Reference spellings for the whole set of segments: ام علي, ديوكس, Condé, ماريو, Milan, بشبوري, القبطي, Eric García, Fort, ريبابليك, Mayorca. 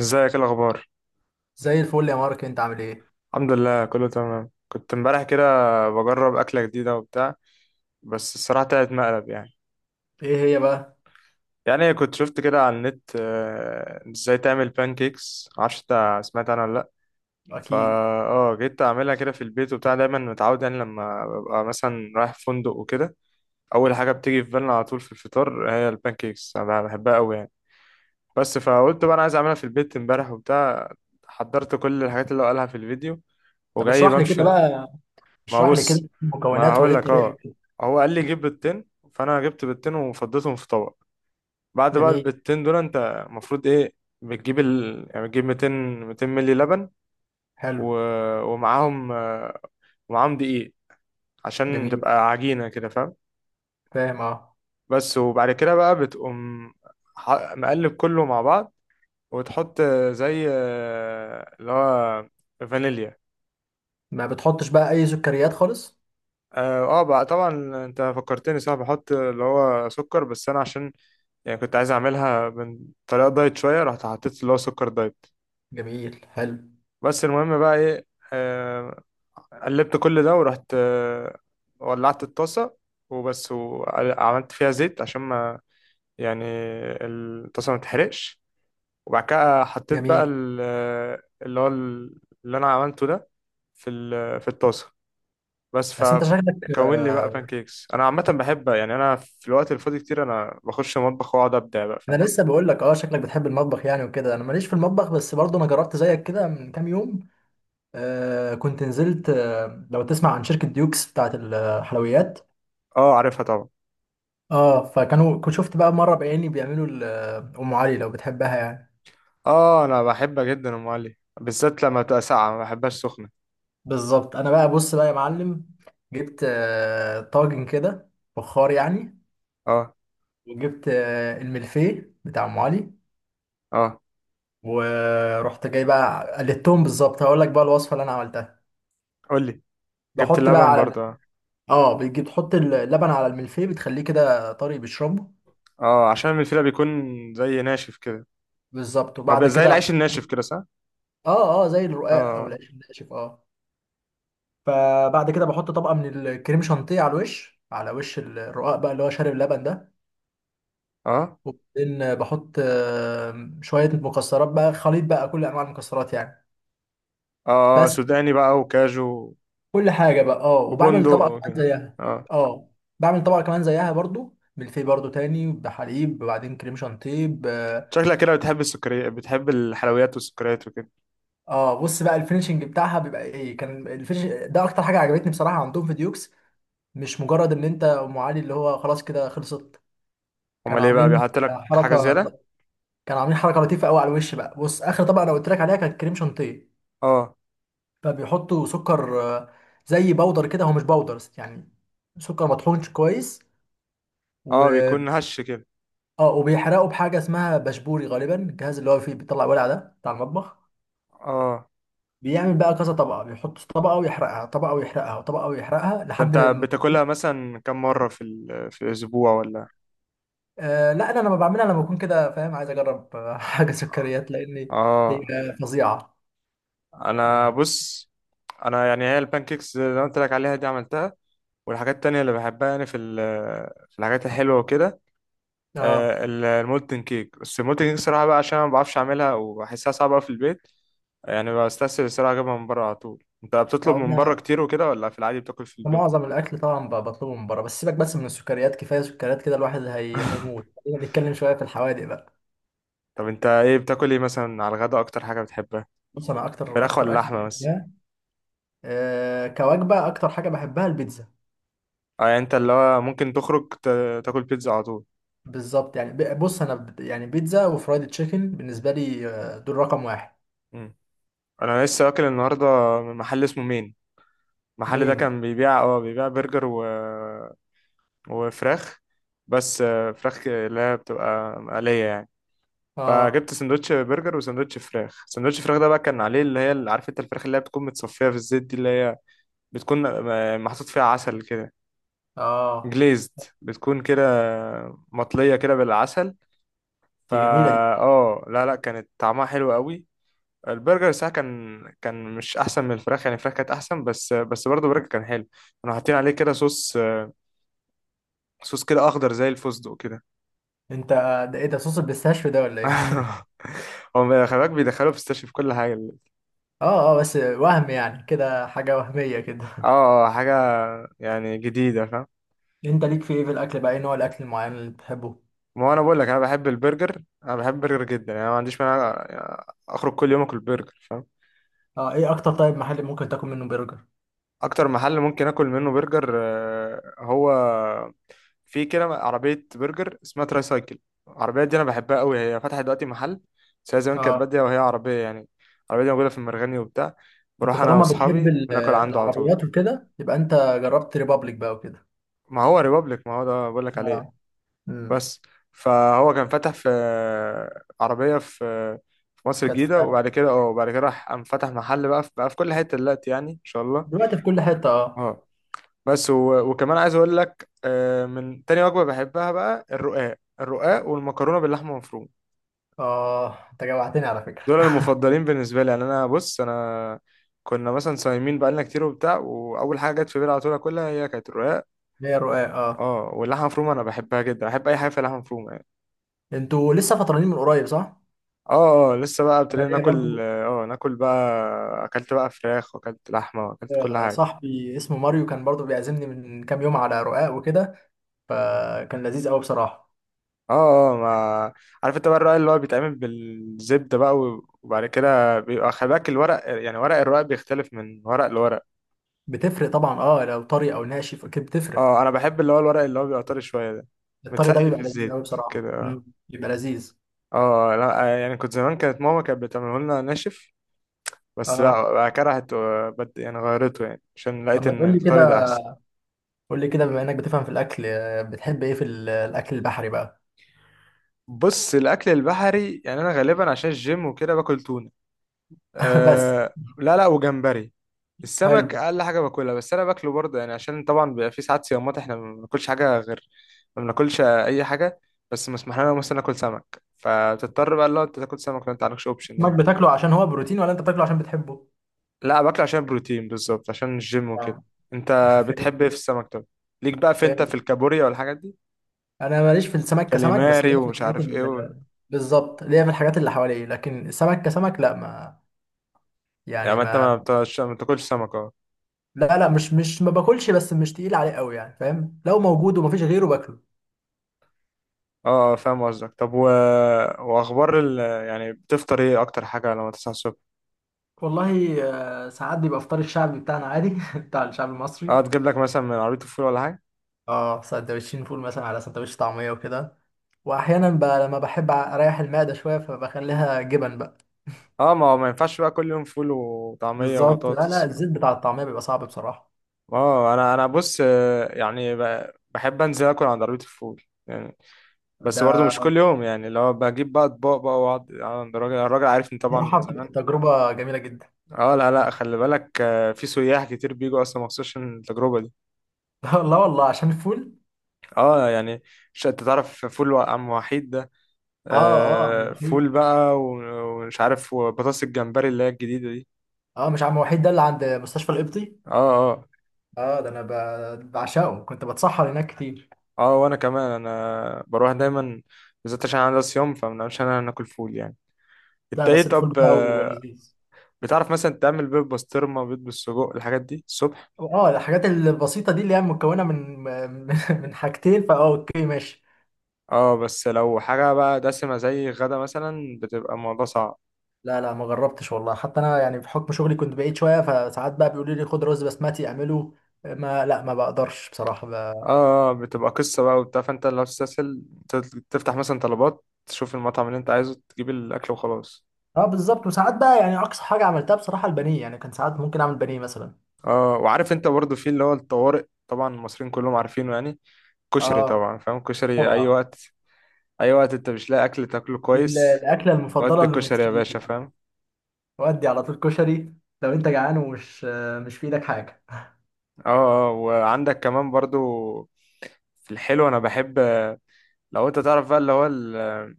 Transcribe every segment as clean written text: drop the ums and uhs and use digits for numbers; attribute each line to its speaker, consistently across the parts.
Speaker 1: ازيك ايه الاخبار؟
Speaker 2: زي الفل يا مارك، انت عامل ايه؟
Speaker 1: الحمد لله كله تمام. كنت امبارح كده بجرب اكله جديده وبتاع. بس الصراحه طلعت مقلب يعني.
Speaker 2: ايه هي بقى؟
Speaker 1: يعني كنت شفت كده على النت، ازاي تعمل بانكيكس. معرفش انت سمعت عنها ولا لا؟ فا
Speaker 2: اكيد.
Speaker 1: اه جيت اعملها كده في البيت وبتاع. دايما متعود يعني لما ببقى مثلا رايح فندق وكده، اول حاجه بتيجي في بالنا على طول في الفطار هي البانكيكس. انا بحبها قوي يعني. بس فقلت بقى انا عايز اعملها في البيت امبارح وبتاع. حضرت كل الحاجات اللي هو قالها في الفيديو
Speaker 2: طب
Speaker 1: وجاي
Speaker 2: اشرح لي كده
Speaker 1: بمشي.
Speaker 2: بقى،
Speaker 1: ما هو
Speaker 2: اشرح لي
Speaker 1: بص،
Speaker 2: كده
Speaker 1: ما
Speaker 2: المكونات وايه
Speaker 1: هقول لك. اه،
Speaker 2: الطريقة.
Speaker 1: هو قال لي جيب بيضتين. فانا جبت بيضتين وفضيتهم في طبق. بعد بقى
Speaker 2: جميل.
Speaker 1: البيضتين دول انت المفروض ايه؟ بتجيب يعني بتجيب 200 مللي لبن و...
Speaker 2: حلو.
Speaker 1: ومعاهم، ومعاهم دقيق عشان
Speaker 2: جميل.
Speaker 1: تبقى عجينة كده فاهم.
Speaker 2: فاهم اه.
Speaker 1: بس وبعد كده بقى بتقوم مقلب كله مع بعض. وتحط، زي، اللي هو فانيليا.
Speaker 2: ما بتحطش بقى اي سكريات خالص؟
Speaker 1: اه، بقى طبعا. انت فكرتني صح، بحط اللي هو سكر. بس انا عشان يعني كنت عايز اعملها من طريقه دايت شويه، رحت حطيت اللي هو سكر دايت.
Speaker 2: جميل. حلو.
Speaker 1: بس المهم بقى ايه، آه، قلبت كل ده ورحت، ولعت الطاسه. وبس وعملت فيها زيت عشان ما يعني الطاسه ما تتحرقش. وبعد كده حطيت بقى
Speaker 2: جميل.
Speaker 1: اللي هو اللي انا عملته ده في في الطاسه. بس
Speaker 2: بس انت شكلك،
Speaker 1: فكون لي بقى بانكيكس. انا عامه بحب يعني، انا في الوقت الفاضي كتير انا بخش المطبخ واقعد ابدع بقى فاهم.
Speaker 2: انا لسه بقول لك اه شكلك بتحب المطبخ يعني وكده. انا ماليش في المطبخ، بس برضه انا جربت زيك كده من كام يوم. آه كنت نزلت، آه لو تسمع عن شركة ديوكس بتاعت الحلويات.
Speaker 1: اه عارفها طبعا.
Speaker 2: اه فكانوا، كنت شفت بقى مرة بعيني بيعملوا ام علي لو بتحبها يعني.
Speaker 1: اه انا بحبها جدا ام علي، بالذات لما تبقى ساقعه، ما بحبهاش سخنه.
Speaker 2: بالظبط. انا بقى بص بقى يا معلم، جبت طاجن كده، فخار يعني.
Speaker 1: اه
Speaker 2: وجبت الملفيه بتاع ام علي.
Speaker 1: اه.
Speaker 2: ورحت جاي بقى قلدتهم بالظبط، هقول لك بقى الوصفه اللي انا عملتها.
Speaker 1: قول لي. جبت
Speaker 2: بحط بقى
Speaker 1: اللبن
Speaker 2: على
Speaker 1: برضه
Speaker 2: الم-
Speaker 1: اه.
Speaker 2: اه، بتجيب تحط اللبن على الملفيه بتخليه كده طري بيشربه.
Speaker 1: عشان الفيلة بيكون زي ناشف كده.
Speaker 2: بالظبط.
Speaker 1: هو بيبقى زي العيش الناشف كده صح.
Speaker 2: اه اه زي الرقاق او
Speaker 1: اه
Speaker 2: العيش الناشف اه. فبعد كده بحط طبقه من الكريم شانتيه على الوش، على وش الرقاق بقى اللي هو شارب اللبن ده.
Speaker 1: اه
Speaker 2: وبعدين بحط شوية مكسرات بقى، خليط بقى كل أنواع المكسرات يعني.
Speaker 1: اه،
Speaker 2: بس.
Speaker 1: سوداني بقى وكاجو
Speaker 2: كل حاجة بقى اه،
Speaker 1: وبندق
Speaker 2: وبعمل طبقة كمان
Speaker 1: وكده.
Speaker 2: زيها.
Speaker 1: اه.
Speaker 2: اه. بعمل طبقة كمان زيها برضو، بالفي برضو تاني بحليب، وبعدين كريم شانتيه ب-.
Speaker 1: شكلك كده بتحب السكريات، بتحب الحلويات والسكريات وكده.
Speaker 2: اه بص بقى، الفينشنج بتاعها بيبقى ايه، كان الفينش ده اكتر حاجة عجبتني بصراحة عندهم في ديوكس. مش مجرد ان انت ام علي اللي هو خلاص كده خلصت،
Speaker 1: امال
Speaker 2: كانوا
Speaker 1: ايه بقى؟
Speaker 2: عاملين
Speaker 1: بيحط لك حاجه
Speaker 2: حركة.
Speaker 1: زياده.
Speaker 2: كانوا عاملين حركة لطيفة قوي على الوش بقى. بص، اخر طبقة انا قلت لك عليها كانت كريم شانتيه،
Speaker 1: اه
Speaker 2: فبيحطوا سكر زي بودر كده، هو مش بودر يعني، سكر مطحونش كويس. و
Speaker 1: اه بيكون هش كده.
Speaker 2: اه، وبيحرقوا بحاجه اسمها بشبوري غالبا، الجهاز اللي هو فيه بيطلع ولع ده بتاع المطبخ.
Speaker 1: اه.
Speaker 2: بيعمل بقى كذا طبقه، بيحط طبقه ويحرقها، طبقه ويحرقها، وطبقه ويحرقها،
Speaker 1: ده
Speaker 2: لحد
Speaker 1: انت
Speaker 2: ما.
Speaker 1: بتاكلها مثلا كم مره في في الاسبوع ولا؟
Speaker 2: آه لا، انا لما بعملها لما بكون كده فاهم عايز اجرب حاجه
Speaker 1: اه.
Speaker 2: سكريات، لان هي
Speaker 1: آه.
Speaker 2: فظيعه
Speaker 1: انا
Speaker 2: يعني.
Speaker 1: بص، انا يعني هي البانكيكس اللي انا قلت لك عليها دي عملتها. والحاجات التانية اللي بحبها يعني، في في الحاجات الحلوة وكده،
Speaker 2: اه.
Speaker 1: المولتن كيك. بس المولتن كيك صراحة بقى، عشان أنا ما بعرفش أعملها وبحسها صعبة أوي في البيت، يعني بستسهل الصراحة أجيبها من بره على طول. أنت بتطلب من بره كتير وكده ولا في العادي بتاكل في البيت؟
Speaker 2: معظم الاكل طبعا بطلبه من بره. بس سيبك بس من السكريات، كفايه سكريات كده الواحد هيموت. خلينا نتكلم شويه في الحوادق بقى.
Speaker 1: طب أنت إيه بتاكل إيه مثلا على الغدا، أكتر حاجة بتحبها؟
Speaker 2: بص انا اكتر
Speaker 1: فراخ
Speaker 2: اكتر
Speaker 1: ولا
Speaker 2: اكل
Speaker 1: لحمة بس؟
Speaker 2: بحبها، أه كوجبه اكتر حاجه بحبها البيتزا.
Speaker 1: أه، يعني أنت اللي هو ممكن تخرج تاكل بيتزا على طول.
Speaker 2: بالظبط يعني، بص انا يعني بيتزا وفرايد تشيكن بالنسبه لي، دول رقم واحد.
Speaker 1: مم. أنا لسه واكل النهاردة من محل اسمه مين. المحل ده
Speaker 2: مين؟
Speaker 1: كان بيبيع برجر وفراخ. بس، فراخ اللي هي بتبقى مقلية يعني.
Speaker 2: اه
Speaker 1: فجبت سندوتش برجر وسندوتش فراخ. سندوتش فراخ ده بقى كان عليه اللي هي، اللي عارف انت الفراخ اللي هي بتكون متصفية في الزيت دي، اللي هي بتكون، محطوط فيها عسل كده.
Speaker 2: اه.
Speaker 1: جليزد. بتكون كده مطلية كده بالعسل.
Speaker 2: دي
Speaker 1: فا
Speaker 2: جميله دي.
Speaker 1: اه لا لا كانت طعمها حلو قوي. البرجر ساعة كان مش احسن من الفراخ يعني، الفراخ كانت احسن. بس برضه البرجر كان حلو. كانوا حاطين عليه كده صوص. صوص كده اخضر زي الفستق كده.
Speaker 2: انت ده ايه ده، صوص البيستاشيو ده ولا ايه؟
Speaker 1: هو خلي بالك بيدخلوا فيستاشيو في كل حاجه.
Speaker 2: اه اه، بس وهم يعني كده، حاجه وهميه
Speaker 1: اه،
Speaker 2: كده.
Speaker 1: حاجه يعني جديده فاهم.
Speaker 2: انت ليك في ايه في الاكل بقى، ايه نوع الاكل المعين اللي بتحبه؟
Speaker 1: ما هو انا بقول لك، انا بحب البرجر، انا بحب البرجر جدا يعني. أنا ما عنديش مانع يعني اخرج كل يوم اكل برجر فاهم.
Speaker 2: اه، ايه اكتر طيب محل ممكن تاكل منه برجر؟
Speaker 1: اكتر محل ممكن اكل منه برجر، هو في كده عربيه برجر اسمها تراي سايكل. العربيه دي انا بحبها قوي. هي فتحت دلوقتي محل، بس هي زمان كانت
Speaker 2: اه.
Speaker 1: باديه وهي عربيه يعني. العربيه دي موجوده في المرغني وبتاع.
Speaker 2: انت
Speaker 1: بروح انا
Speaker 2: طالما بتحب
Speaker 1: واصحابي بناكل عنده على طول.
Speaker 2: العربيات وكده، يبقى انت جربت ريبابليك بقى وكده.
Speaker 1: ما هو ريبابليك، ما هو ده بقول لك
Speaker 2: اه.
Speaker 1: عليه.
Speaker 2: امم.
Speaker 1: بس فهو كان فتح في عربية في في مصر
Speaker 2: كانت في،
Speaker 1: الجديدة، وبعد كده اه وبعد كده راح قام فتح محل بقى في كل حتة دلوقتي يعني إن شاء الله.
Speaker 2: دلوقتي في كل حته اه.
Speaker 1: اه بس، وكمان عايز أقول لك، من تاني وجبة بحبها بقى الرقاق. الرقاق والمكرونة باللحمة المفرومة،
Speaker 2: اه انت جوعتني على فكره.
Speaker 1: دول المفضلين بالنسبة لي يعني. أنا بص، أنا كنا مثلا صايمين بقالنا كتير وبتاع، وأول حاجة جت في بالي على طول أكلها هي كانت الرقاق.
Speaker 2: هي رقاق اه.
Speaker 1: اه واللحمة المفرومة أنا بحبها جدا، بحب أي حاجة فيها لحمة مفرومة.
Speaker 2: انتوا لسه فطرانين من قريب صح؟
Speaker 1: اه اه، لسه بقى
Speaker 2: انا
Speaker 1: ابتدينا
Speaker 2: ليا
Speaker 1: ناكل.
Speaker 2: برضو
Speaker 1: اه، ناكل بقى اكلت بقى فراخ واكلت لحمه واكلت كل حاجه.
Speaker 2: صاحبي اسمه ماريو كان برضو بيعزمني من كام يوم على رقاق وكده، فكان لذيذ قوي بصراحه.
Speaker 1: اه اه. ما عارف انت بقى الرق اللي هو بيتعمل بالزبده بقى، وبعد كده بيبقى خلي بالك الورق يعني. ورق الرق بيختلف من ورق لورق.
Speaker 2: بتفرق طبعا اه، لو طري او ناشف اكيد بتفرق.
Speaker 1: اه اه انا بحب اللي هو الورق اللي هو بيبقى طري شويه ده،
Speaker 2: الطري ده
Speaker 1: متسقي في
Speaker 2: بيبقى لذيذ قوي
Speaker 1: الزيت كده
Speaker 2: بصراحه،
Speaker 1: اه.
Speaker 2: بيبقى لذيذ.
Speaker 1: اه لا، يعني كنت زمان كانت ماما كانت بتعمله لنا ناشف، بس
Speaker 2: اه.
Speaker 1: لا بقى كرهت وبد يعني غيرته يعني عشان
Speaker 2: طب
Speaker 1: لقيت
Speaker 2: ما
Speaker 1: ان
Speaker 2: تقول لي
Speaker 1: الطري ده
Speaker 2: كده،
Speaker 1: احسن.
Speaker 2: قول لي كده بما انك بتفهم في الاكل، بتحب ايه في الاكل البحري بقى؟
Speaker 1: بص الاكل البحري يعني انا غالبا عشان الجيم وكده باكل تونه.
Speaker 2: بس.
Speaker 1: أه لا لا وجمبري. السمك
Speaker 2: حلو.
Speaker 1: اقل حاجه باكلها، بس انا باكله برضه يعني عشان طبعا بيبقى في ساعات صيامات احنا ما بناكلش حاجه غير، ما بناكلش اي حاجه. بس مسموح لنا مثلا ناكل سمك، فبتضطر بقى لو انت تاكل سمك لو انت عندكش اوبشن
Speaker 2: سمك
Speaker 1: يعني.
Speaker 2: بتاكله عشان هو بروتين ولا انت بتاكله عشان بتحبه؟
Speaker 1: لا باكله عشان بروتين بالظبط عشان الجيم وكده.
Speaker 2: آه.
Speaker 1: انت
Speaker 2: فهمت.
Speaker 1: بتحب ايه في السمك طب؟ ليك بقى في، انت
Speaker 2: فهمت.
Speaker 1: في الكابوريا والحاجات دي،
Speaker 2: انا ماليش في السمك كسمك، بس
Speaker 1: كاليماري
Speaker 2: ليا في
Speaker 1: ومش
Speaker 2: الحاجات
Speaker 1: عارف ايه
Speaker 2: ال-. بالظبط، ليا في الحاجات اللي حواليه، لكن السمك كسمك لا، ما
Speaker 1: يعني
Speaker 2: يعني
Speaker 1: ما انت
Speaker 2: ما.
Speaker 1: ما بتاكلش سمك.
Speaker 2: لا لا، مش مش ما باكلش، بس مش تقيل عليه قوي يعني فاهم، لو موجود ومفيش غيره باكله.
Speaker 1: اه اه فاهم قصدك. طب واخبار يعني بتفطر ايه اكتر حاجه لما تصحى الصبح؟
Speaker 2: والله، ساعات بيبقى فطار الشعبي بتاعنا عادي بتاع الشعب المصري.
Speaker 1: اه تجيب لك مثلا من عربيه الفول ولا حاجه.
Speaker 2: اه سندوتشين فول مثلا، على سندوتش طعميه وكده. واحيانا بقى لما بحب اريح المعده شويه فبخليها جبن بقى.
Speaker 1: اه ما هو ما ينفعش بقى كل يوم فول وطعميه
Speaker 2: بالظبط، لا لا،
Speaker 1: وبطاطس.
Speaker 2: الزيت بتاع الطعميه بيبقى صعب بصراحه.
Speaker 1: اه انا بص، يعني بحب انزل اكل عند عربيه الفول يعني. بس برضه
Speaker 2: ده
Speaker 1: مش كل يوم يعني، لو بجيب بقى اطباق بقى واقعد، عند الراجل، الراجل عارفني طبعا
Speaker 2: بصراحه
Speaker 1: من زمان.
Speaker 2: بتبقى تجربه جميله جدا.
Speaker 1: اه لا لا خلي بالك، في سياح كتير بيجوا اصلا مخصوص عشان التجربه دي.
Speaker 2: لا والله عشان الفول.
Speaker 1: اه يعني مش انت تعرف فول عم وحيد ده،
Speaker 2: اه اه عم
Speaker 1: آه فول
Speaker 2: وحيد.
Speaker 1: بقى ومش عارف وبطاطس الجمبري اللي هي الجديدة دي.
Speaker 2: اه مش عم وحيد ده اللي عند مستشفى القبطي؟
Speaker 1: اه اه
Speaker 2: اه، ده انا بعشقه، كنت بتسحر هناك كتير.
Speaker 1: اه وانا كمان انا بروح دايما، بالذات عشان انا صيام فمنعرفش انا ناكل فول يعني. انت
Speaker 2: لا،
Speaker 1: ايه
Speaker 2: بس الفول
Speaker 1: طب؟
Speaker 2: بتاعه لذيذ.
Speaker 1: بتعرف مثلا تعمل بيض بسطرمة بيض بالسجق الحاجات دي الصبح؟
Speaker 2: اه، الحاجات البسيطه دي اللي هي مكونه من من من حاجتين، فاه اوكي ماشي.
Speaker 1: اه، بس لو حاجة بقى دسمة زي غدا مثلا، بتبقى الموضوع صعب.
Speaker 2: لا لا ما جربتش والله، حتى انا يعني بحكم شغلي كنت بعيد شويه، فساعات بقى بيقولوا لي خد رز بسمتي اعمله. ما لا ما بقدرش بصراحه ب...
Speaker 1: اه، بتبقى قصة بقى وبتاع، فانت لو تستسهل تفتح مثلا طلبات تشوف المطعم اللي انت عايزه تجيب الاكل وخلاص.
Speaker 2: اه بالظبط. وساعات بقى يعني اقصى حاجه عملتها بصراحه البانيه يعني، كان ساعات ممكن اعمل بانيه مثلا.
Speaker 1: اه وعارف انت برضو في اللي هو الطوارئ، طبعا المصريين كلهم عارفينه يعني، كشري.
Speaker 2: اه
Speaker 1: طبعا فاهم كشري اي
Speaker 2: طبعا.
Speaker 1: وقت، اي وقت انت مش لاقي اكل تاكله
Speaker 2: دي
Speaker 1: كويس،
Speaker 2: الاكله المفضله
Speaker 1: ودي كشري يا
Speaker 2: للمصريين.
Speaker 1: باشا فاهم.
Speaker 2: ودي على طول كشري، لو انت جعان ومش، مش في ايدك حاجه.
Speaker 1: اه اه وعندك كمان برضو في الحلو انا بحب، لو انت تعرف بقى اللي هو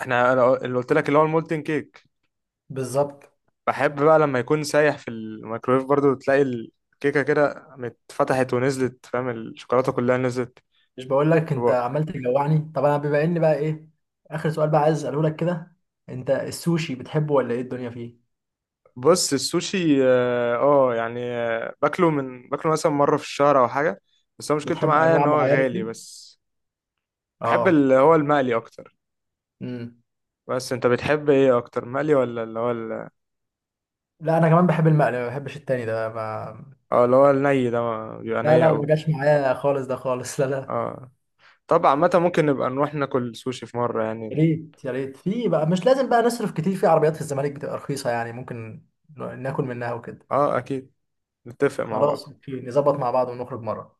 Speaker 1: احنا أنا اللي قلت لك اللي هو المولتن كيك.
Speaker 2: بالظبط.
Speaker 1: بحب بقى لما يكون سايح في الميكرويف برضو، تلاقي الكيكه كده اتفتحت ونزلت فاهم، الشوكولاته كلها نزلت.
Speaker 2: مش بقول لك
Speaker 1: في
Speaker 2: انت
Speaker 1: بقك.
Speaker 2: عمال تجوعني. طب انا بما اني بقى ايه، اخر سؤال بقى عايز اساله لك كده، انت السوشي بتحبه ولا ايه الدنيا فيه؟
Speaker 1: بص السوشي اه، يعني، باكله باكله مثلا مرة في الشهر او حاجة. بس هو مشكلته
Speaker 2: بتحب
Speaker 1: معايا ان
Speaker 2: انواع
Speaker 1: هو
Speaker 2: معينه
Speaker 1: غالي
Speaker 2: فيه؟
Speaker 1: بس. بحب
Speaker 2: اه.
Speaker 1: اللي هو المقلي اكتر.
Speaker 2: امم.
Speaker 1: بس انت بتحب ايه اكتر، مقلي ولا اللي هو
Speaker 2: لا انا كمان بحب المقلي، ما بحبش التاني ده ما.
Speaker 1: اه اللي هو الني ده بيبقى
Speaker 2: لا
Speaker 1: ني
Speaker 2: لا
Speaker 1: قوي.
Speaker 2: ما جاش معايا خالص ده خالص لا لا.
Speaker 1: اه طبعا متى ممكن نبقى نروح ناكل سوشي في مرة
Speaker 2: يا
Speaker 1: يعني.
Speaker 2: ريت يا ريت، في بقى مش لازم بقى نصرف كتير، في عربيات في الزمالك بتبقى رخيصة يعني ممكن ناكل منها وكده.
Speaker 1: اه اكيد نتفق مع
Speaker 2: خلاص
Speaker 1: بعض.
Speaker 2: اوكي، نظبط مع بعض ونخرج مرة.